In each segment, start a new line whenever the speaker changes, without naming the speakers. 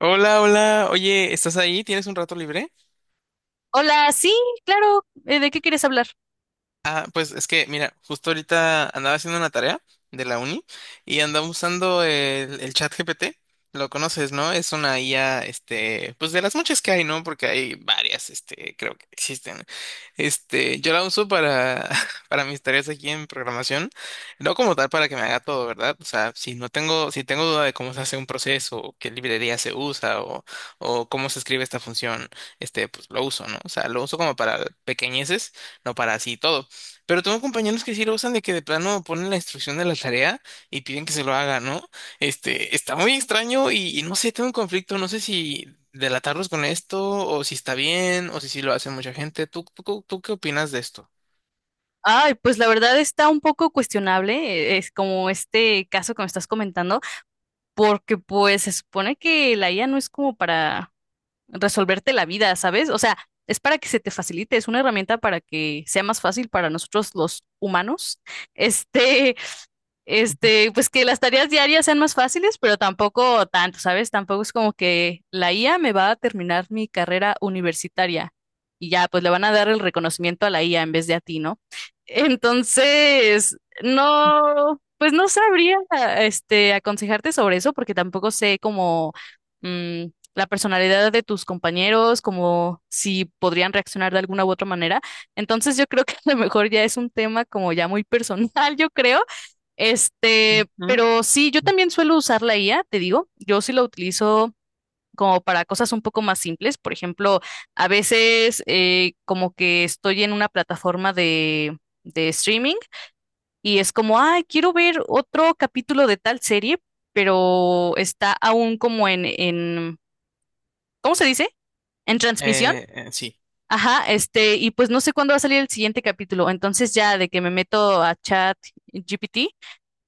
Hola, hola. Oye, ¿estás ahí? ¿Tienes un rato libre?
Hola, sí, claro. ¿De qué quieres hablar?
Ah, pues es que, mira, justo ahorita andaba haciendo una tarea de la uni y andaba usando el chat GPT. Lo conoces, ¿no? Es una IA, este, pues de las muchas que hay, ¿no? Porque hay varias, este, creo que existen. Este, yo la uso para, para mis tareas aquí en programación, no como tal para que me haga todo, ¿verdad? O sea, si no tengo, si tengo duda de cómo se hace un proceso, o qué librería se usa, o cómo se escribe esta función, este, pues lo uso, ¿no? O sea, lo uso como para pequeñeces, no para así todo. Pero tengo compañeros que sí lo usan de que de plano ponen la instrucción de la tarea y piden que se lo haga, ¿no? Este, está muy extraño y no sé, tengo un conflicto, no sé si delatarlos con esto o si está bien o si sí lo hace mucha gente. ¿Tú qué opinas de esto?
Ay, pues la verdad está un poco cuestionable, es como este caso que me estás comentando, porque pues se supone que la IA no es como para resolverte la vida, ¿sabes? O sea, es para que se te facilite, es una herramienta para que sea más fácil para nosotros los humanos, este, pues que las tareas diarias sean más fáciles, pero tampoco tanto, ¿sabes? Tampoco es como que la IA me va a terminar mi carrera universitaria y ya, pues le van a dar el reconocimiento a la IA en vez de a ti, ¿no? Entonces, no, pues no sabría, aconsejarte sobre eso porque tampoco sé cómo mm, la personalidad de tus compañeros, como si podrían reaccionar de alguna u otra manera. Entonces, yo creo que a lo mejor ya es un tema como ya muy personal, yo creo. Pero sí, yo también suelo usar la IA, te digo, yo sí la utilizo como para cosas un poco más simples. Por ejemplo, a veces como que estoy en una plataforma de streaming y es como, ay, quiero ver otro capítulo de tal serie, pero está aún como en, ¿cómo se dice? En transmisión.
Sí.
Ajá, y pues no sé cuándo va a salir el siguiente capítulo. Entonces ya de que me meto a Chat GPT.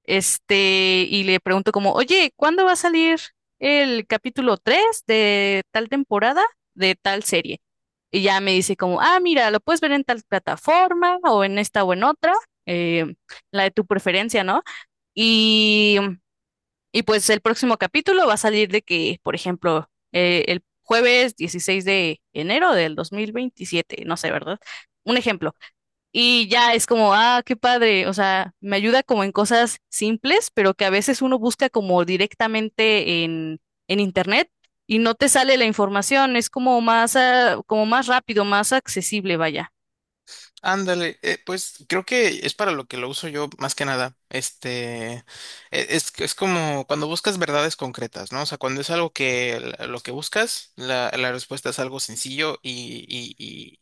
Y le pregunto como, oye, ¿cuándo va a salir el capítulo 3 de tal temporada de tal serie? Y ya me dice como, ah, mira, lo puedes ver en tal plataforma o en esta o en otra, eh, la de tu preferencia, ¿no? Y, y pues el próximo capítulo va a salir de que, por ejemplo, el jueves 16 de enero del 2027, no sé, ¿verdad? Un ejemplo. Y ya es como, ah, qué padre. O sea, me ayuda como en cosas simples, pero que a veces uno busca como directamente en internet y no te sale la información. Es como más, ah, como más rápido, más accesible, vaya.
Ándale, pues creo que es para lo que lo uso yo más que nada. Este, es como cuando buscas verdades concretas, ¿no? O sea, cuando es algo que lo que buscas, la respuesta es algo sencillo y,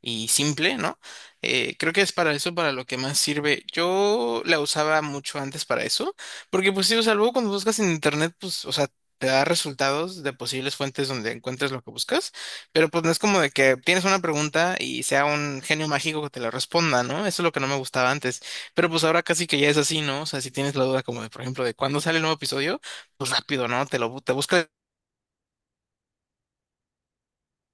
y simple, ¿no? Creo que es para eso, para lo que más sirve. Yo la usaba mucho antes para eso, porque pues sí, o sea, cuando buscas en internet, pues, o sea, te da resultados de posibles fuentes donde encuentres lo que buscas, pero pues no es como de que tienes una pregunta y sea un genio mágico que te la responda, ¿no? Eso es lo que no me gustaba antes, pero pues ahora casi que ya es así, ¿no? O sea, si tienes la duda como de, por ejemplo, de cuándo sale el nuevo episodio, pues rápido, ¿no? Te buscas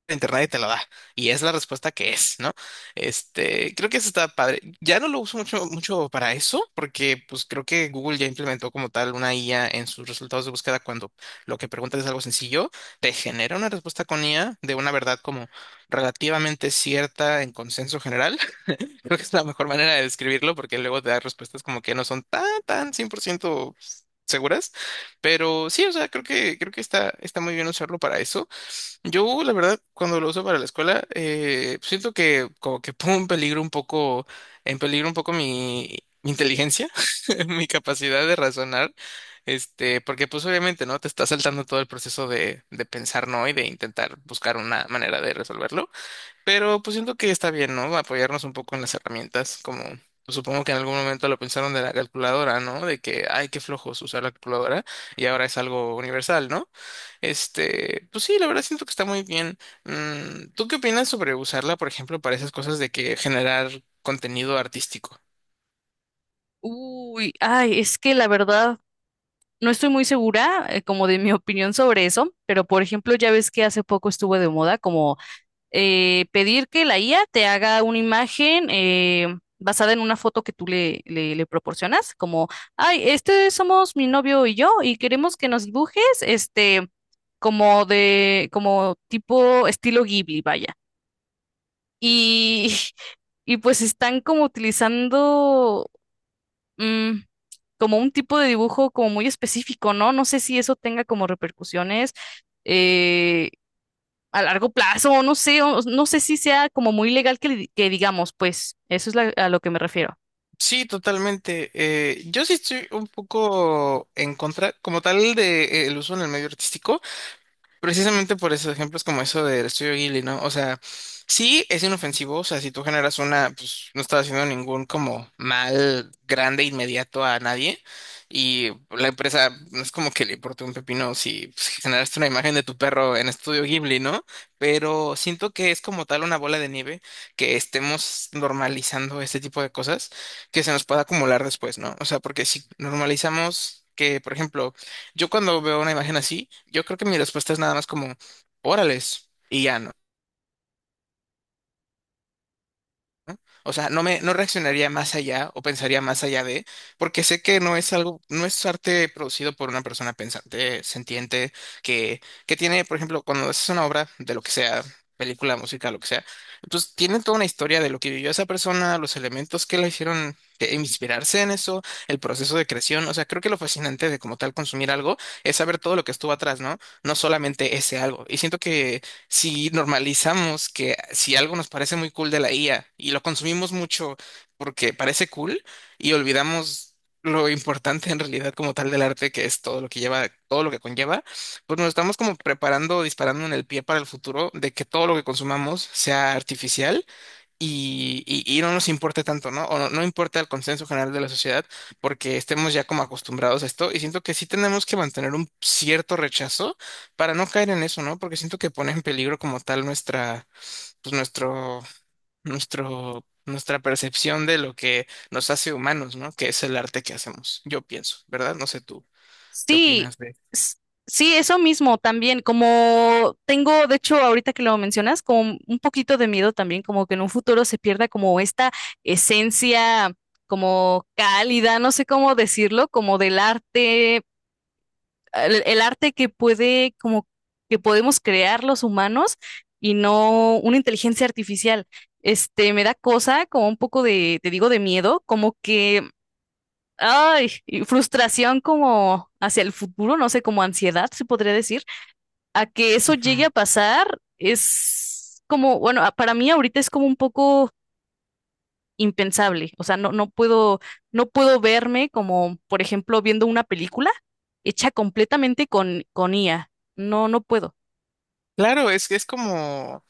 internet y te lo da. Y es la respuesta que es, ¿no? Este, creo que eso está padre. Ya no lo uso mucho, mucho para eso, porque pues creo que Google ya implementó como tal una IA en sus resultados de búsqueda cuando lo que preguntas es algo sencillo, te genera una respuesta con IA de una verdad como relativamente cierta en consenso general. Creo que es la mejor manera de describirlo, porque luego te da respuestas como que no son tan, tan 100% seguras, pero sí, o sea, creo que está muy bien usarlo para eso. Yo, la verdad, cuando lo uso para la escuela, siento que como que pongo en peligro un poco mi inteligencia, mi capacidad de razonar, este, porque pues obviamente, ¿no? Te está saltando todo el proceso de pensar, ¿no? Y de intentar buscar una manera de resolverlo. Pero pues siento que está bien, ¿no? Apoyarnos un poco en las herramientas, como pues, supongo que en algún momento lo pensaron de la calculadora, ¿no? De que, ay, qué flojos usar la calculadora y ahora es algo universal, ¿no? Este, pues sí, la verdad siento que está muy bien. ¿Tú qué opinas sobre usarla, por ejemplo, para esas cosas de que generar contenido artístico?
Uy, ay, es que la verdad no estoy muy segura, como de mi opinión sobre eso, pero por ejemplo, ya ves que hace poco estuvo de moda como pedir que la IA te haga una imagen basada en una foto que tú le proporcionas, como, ay, somos mi novio y yo, y queremos que nos dibujes, como de, como tipo estilo Ghibli, vaya. Y, y pues están como utilizando, mm, como un tipo de dibujo como muy específico, ¿no? No sé si eso tenga como repercusiones. eh, a largo plazo, no sé, no sé si sea como muy legal que, que digamos, pues eso es a lo que me refiero.
Sí, totalmente. Yo sí estoy un poco en contra, como tal, de, el uso en el medio artístico. Precisamente por esos ejemplos como eso del estudio Ghibli, ¿no? O sea, sí es inofensivo, o sea, si tú generas una, pues no estás haciendo ningún como mal grande inmediato a nadie y la empresa no es como que le importe un pepino si pues, si generaste una imagen de tu perro en estudio Ghibli, ¿no? Pero siento que es como tal una bola de nieve que estemos normalizando este tipo de cosas que se nos pueda acumular después, ¿no? O sea, porque si normalizamos que, por ejemplo, yo cuando veo una imagen así, yo creo que mi respuesta es nada más como, órales, y ya. O sea, no reaccionaría más allá o pensaría más allá de, porque sé que no es algo, no es arte producido por una persona pensante, sentiente, que, que tiene, por ejemplo, cuando haces una obra de lo que sea, película, música, lo que sea, pues tiene toda una historia de lo que vivió esa persona, los elementos que la hicieron inspirarse en eso, el proceso de creación. O sea, creo que lo fascinante de como tal consumir algo es saber todo lo que estuvo atrás, ¿no? No solamente ese algo. Y siento que si normalizamos que si algo nos parece muy cool de la IA y lo consumimos mucho porque parece cool y olvidamos lo importante en realidad como tal del arte que es todo lo que lleva, todo lo que conlleva, pues nos estamos como preparando, disparando en el pie para el futuro de que todo lo que consumamos sea artificial y no nos importe tanto, ¿no? O no, no importa el consenso general de la sociedad porque estemos ya como acostumbrados a esto y siento que sí tenemos que mantener un cierto rechazo para no caer en eso, ¿no? Porque siento que pone en peligro como tal nuestra, pues nuestro, nuestro, nuestra percepción de lo que nos hace humanos, ¿no? Que es el arte que hacemos, yo pienso, ¿verdad? No sé tú, ¿qué
Sí,
opinas de?
s- sí, eso mismo también, como tengo, de hecho, ahorita que lo mencionas, como un poquito de miedo también, como que en un futuro se pierda como esta esencia como cálida, no sé cómo decirlo, como del arte, el arte que puede, como que podemos crear los humanos y no una inteligencia artificial. Me da cosa, como un poco de, te digo, de miedo, como que, ay, y frustración como hacia el futuro, no sé, como ansiedad, se podría decir, a que eso llegue
Ujú.
a pasar es como, bueno, para mí ahorita es como un poco impensable. O sea, no, no puedo, no puedo verme como, por ejemplo, viendo una película hecha completamente con IA. No, no puedo.
Claro, es que es como.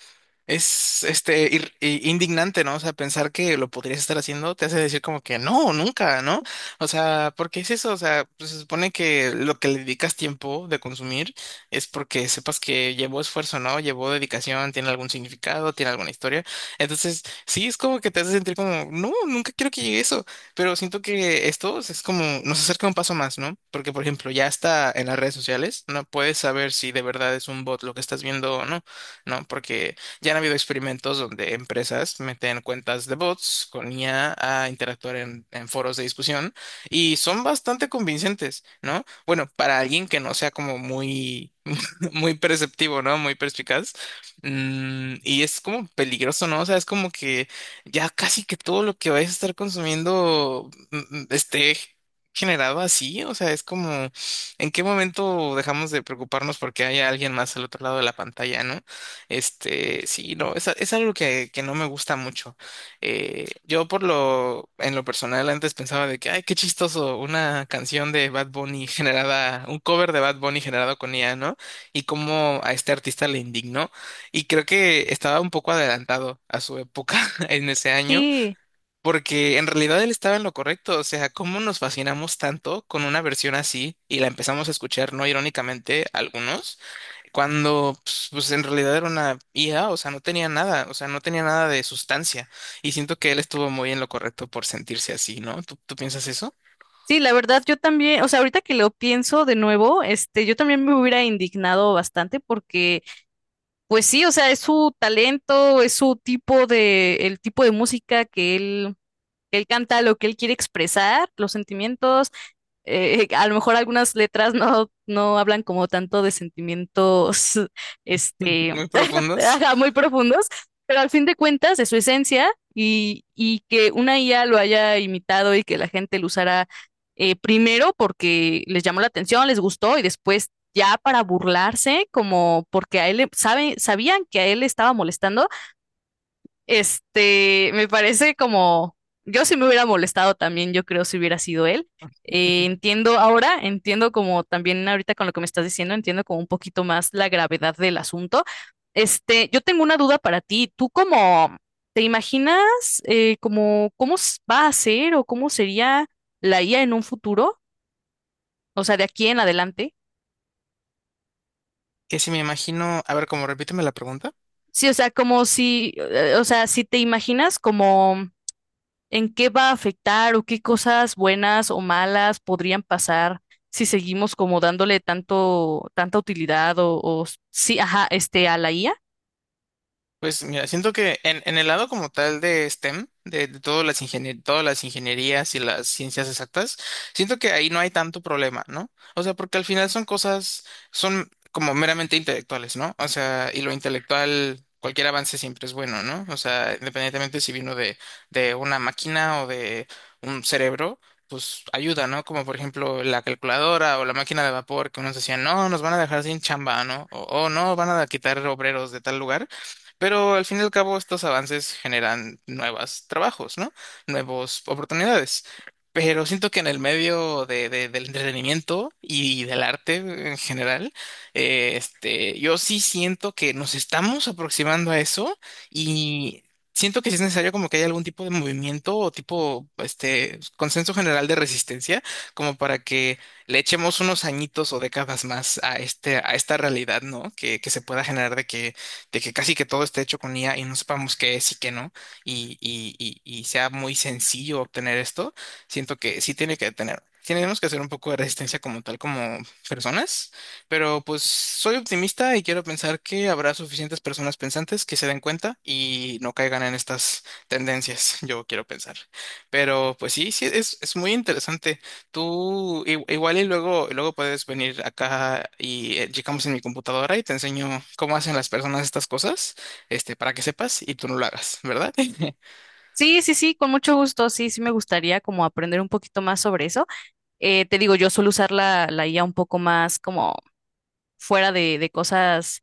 Es este indignante, ¿no? O sea, pensar que lo podrías estar haciendo te hace decir como que no, nunca, ¿no? O sea, ¿por qué es eso? O sea, pues, se supone que lo que le dedicas tiempo de consumir es porque sepas que llevó esfuerzo, ¿no? Llevó dedicación, tiene algún significado, tiene alguna historia. Entonces, sí, es como que te hace sentir como, no, nunca quiero que llegue eso. Pero siento que esto es como, nos acerca un paso más, ¿no? Porque, por ejemplo, ya está en las redes sociales, no puedes saber si de verdad es un bot lo que estás viendo o no, ¿no? Porque ya han habido experimentos donde empresas meten cuentas de bots con IA a interactuar en foros de discusión y son bastante convincentes, ¿no? Bueno, para alguien que no sea como muy muy perceptivo, ¿no? Muy perspicaz. Y es como peligroso, ¿no? O sea, es como que ya casi que todo lo que vayas a estar consumiendo esté generado así. O sea, es como, ¿en qué momento dejamos de preocuparnos porque haya alguien más al otro lado de la pantalla, ¿no? Este, sí, no, es, es algo que no me gusta mucho. Yo por lo, en lo personal antes pensaba de que, ay, qué chistoso, una canción de Bad Bunny generada, un cover de Bad Bunny generado con IA, ¿no? Y cómo a este artista le indignó. Y creo que estaba un poco adelantado a su época en ese año,
Sí,
porque en realidad él estaba en lo correcto. O sea, cómo nos fascinamos tanto con una versión así y la empezamos a escuchar, no irónicamente, algunos, cuando pues, en realidad era una IA, o sea, no tenía nada, o sea, no tenía nada de sustancia. Y siento que él estuvo muy en lo correcto por sentirse así, ¿no? ¿Tú piensas eso?
sí, la verdad, yo también, o sea, ahorita que lo pienso de nuevo, yo también me hubiera indignado bastante porque, pues sí, o sea, es su talento, es su tipo de, el tipo de música que él canta, lo que él quiere expresar, los sentimientos, a lo mejor algunas letras no, no hablan como tanto de sentimientos, este,
Muy profundos.
ajá, muy profundos, pero al fin de cuentas es su esencia y que una IA lo haya imitado y que la gente lo usara, primero porque les llamó la atención, les gustó y después ya para burlarse, como porque a él sabían que a él le estaba molestando, me parece como, yo sí me hubiera molestado también, yo creo, si hubiera sido él. Entiendo ahora, entiendo como también ahorita con lo que me estás diciendo, entiendo como un poquito más la gravedad del asunto. Yo tengo una duda para ti. ¿Tú cómo te imaginas, como cómo va a ser o cómo sería la IA en un futuro? O sea, de aquí en adelante.
Que si me imagino, a ver, como repíteme la pregunta.
Sí, o sea, como si, o sea, si te imaginas como en qué va a afectar o qué cosas buenas o malas podrían pasar si seguimos como dándole tanto, tanta utilidad o sí, ajá, a la IA.
Pues mira, siento que en el lado como tal de STEM, de todas las ingenierías y las ciencias exactas, siento que ahí no hay tanto problema, ¿no? O sea, porque al final son cosas, son como meramente intelectuales, ¿no? O sea, y lo intelectual, cualquier avance siempre es bueno, ¿no? O sea, independientemente si vino de una máquina o de un cerebro. Pues ayuda, ¿no? Como por ejemplo la calculadora o la máquina de vapor que unos decían, no, nos van a dejar sin chamba, ¿no? O, "Oh, no, van a quitar obreros de tal lugar. Pero al fin y al cabo, estos avances generan nuevos trabajos, ¿no? Nuevas oportunidades. Pero siento que en el medio de, del entretenimiento y del arte en general, este, yo sí siento que nos estamos aproximando a eso y siento que sí es necesario como que haya algún tipo de movimiento o tipo, este, consenso general de resistencia, como para que le echemos unos añitos o décadas más a este, a esta realidad, ¿no? Que se pueda generar de que casi que todo esté hecho con IA y no sepamos qué es y qué no, y sea muy sencillo obtener esto, siento que sí tiene que tener. Sí, tenemos que hacer un poco de resistencia como tal, como personas, pero pues soy optimista y quiero pensar que habrá suficientes personas pensantes que se den cuenta y no caigan en estas tendencias, yo quiero pensar. Pero pues sí, sí, es, muy interesante. Tú igual y luego, luego puedes venir acá y checamos en mi computadora y te enseño cómo hacen las personas estas cosas, este, para que sepas y tú no lo hagas, ¿verdad?
Sí, sí, sí, con mucho gusto, sí, sí me gustaría como aprender un poquito más sobre eso. Te digo, yo suelo usar la IA un poco más como fuera de cosas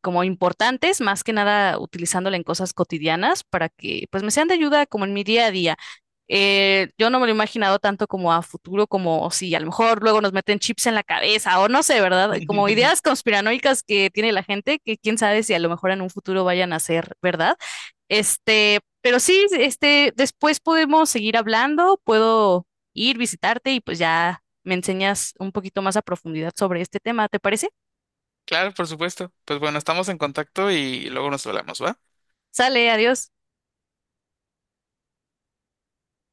como importantes, más que nada utilizándola en cosas cotidianas para que pues me sean de ayuda como en mi día a día. Yo no me lo he imaginado tanto como a futuro, como si a lo mejor luego nos meten chips en la cabeza o no sé, ¿verdad? Como ideas conspiranoicas que tiene la gente, que quién sabe si a lo mejor en un futuro vayan a ser, ¿verdad? Pero sí, después podemos seguir hablando, puedo ir, visitarte y pues ya me enseñas un poquito más a profundidad sobre este tema, ¿te parece?
Claro, por supuesto. Pues bueno, estamos en contacto y luego nos hablamos, ¿va?
Sale, adiós.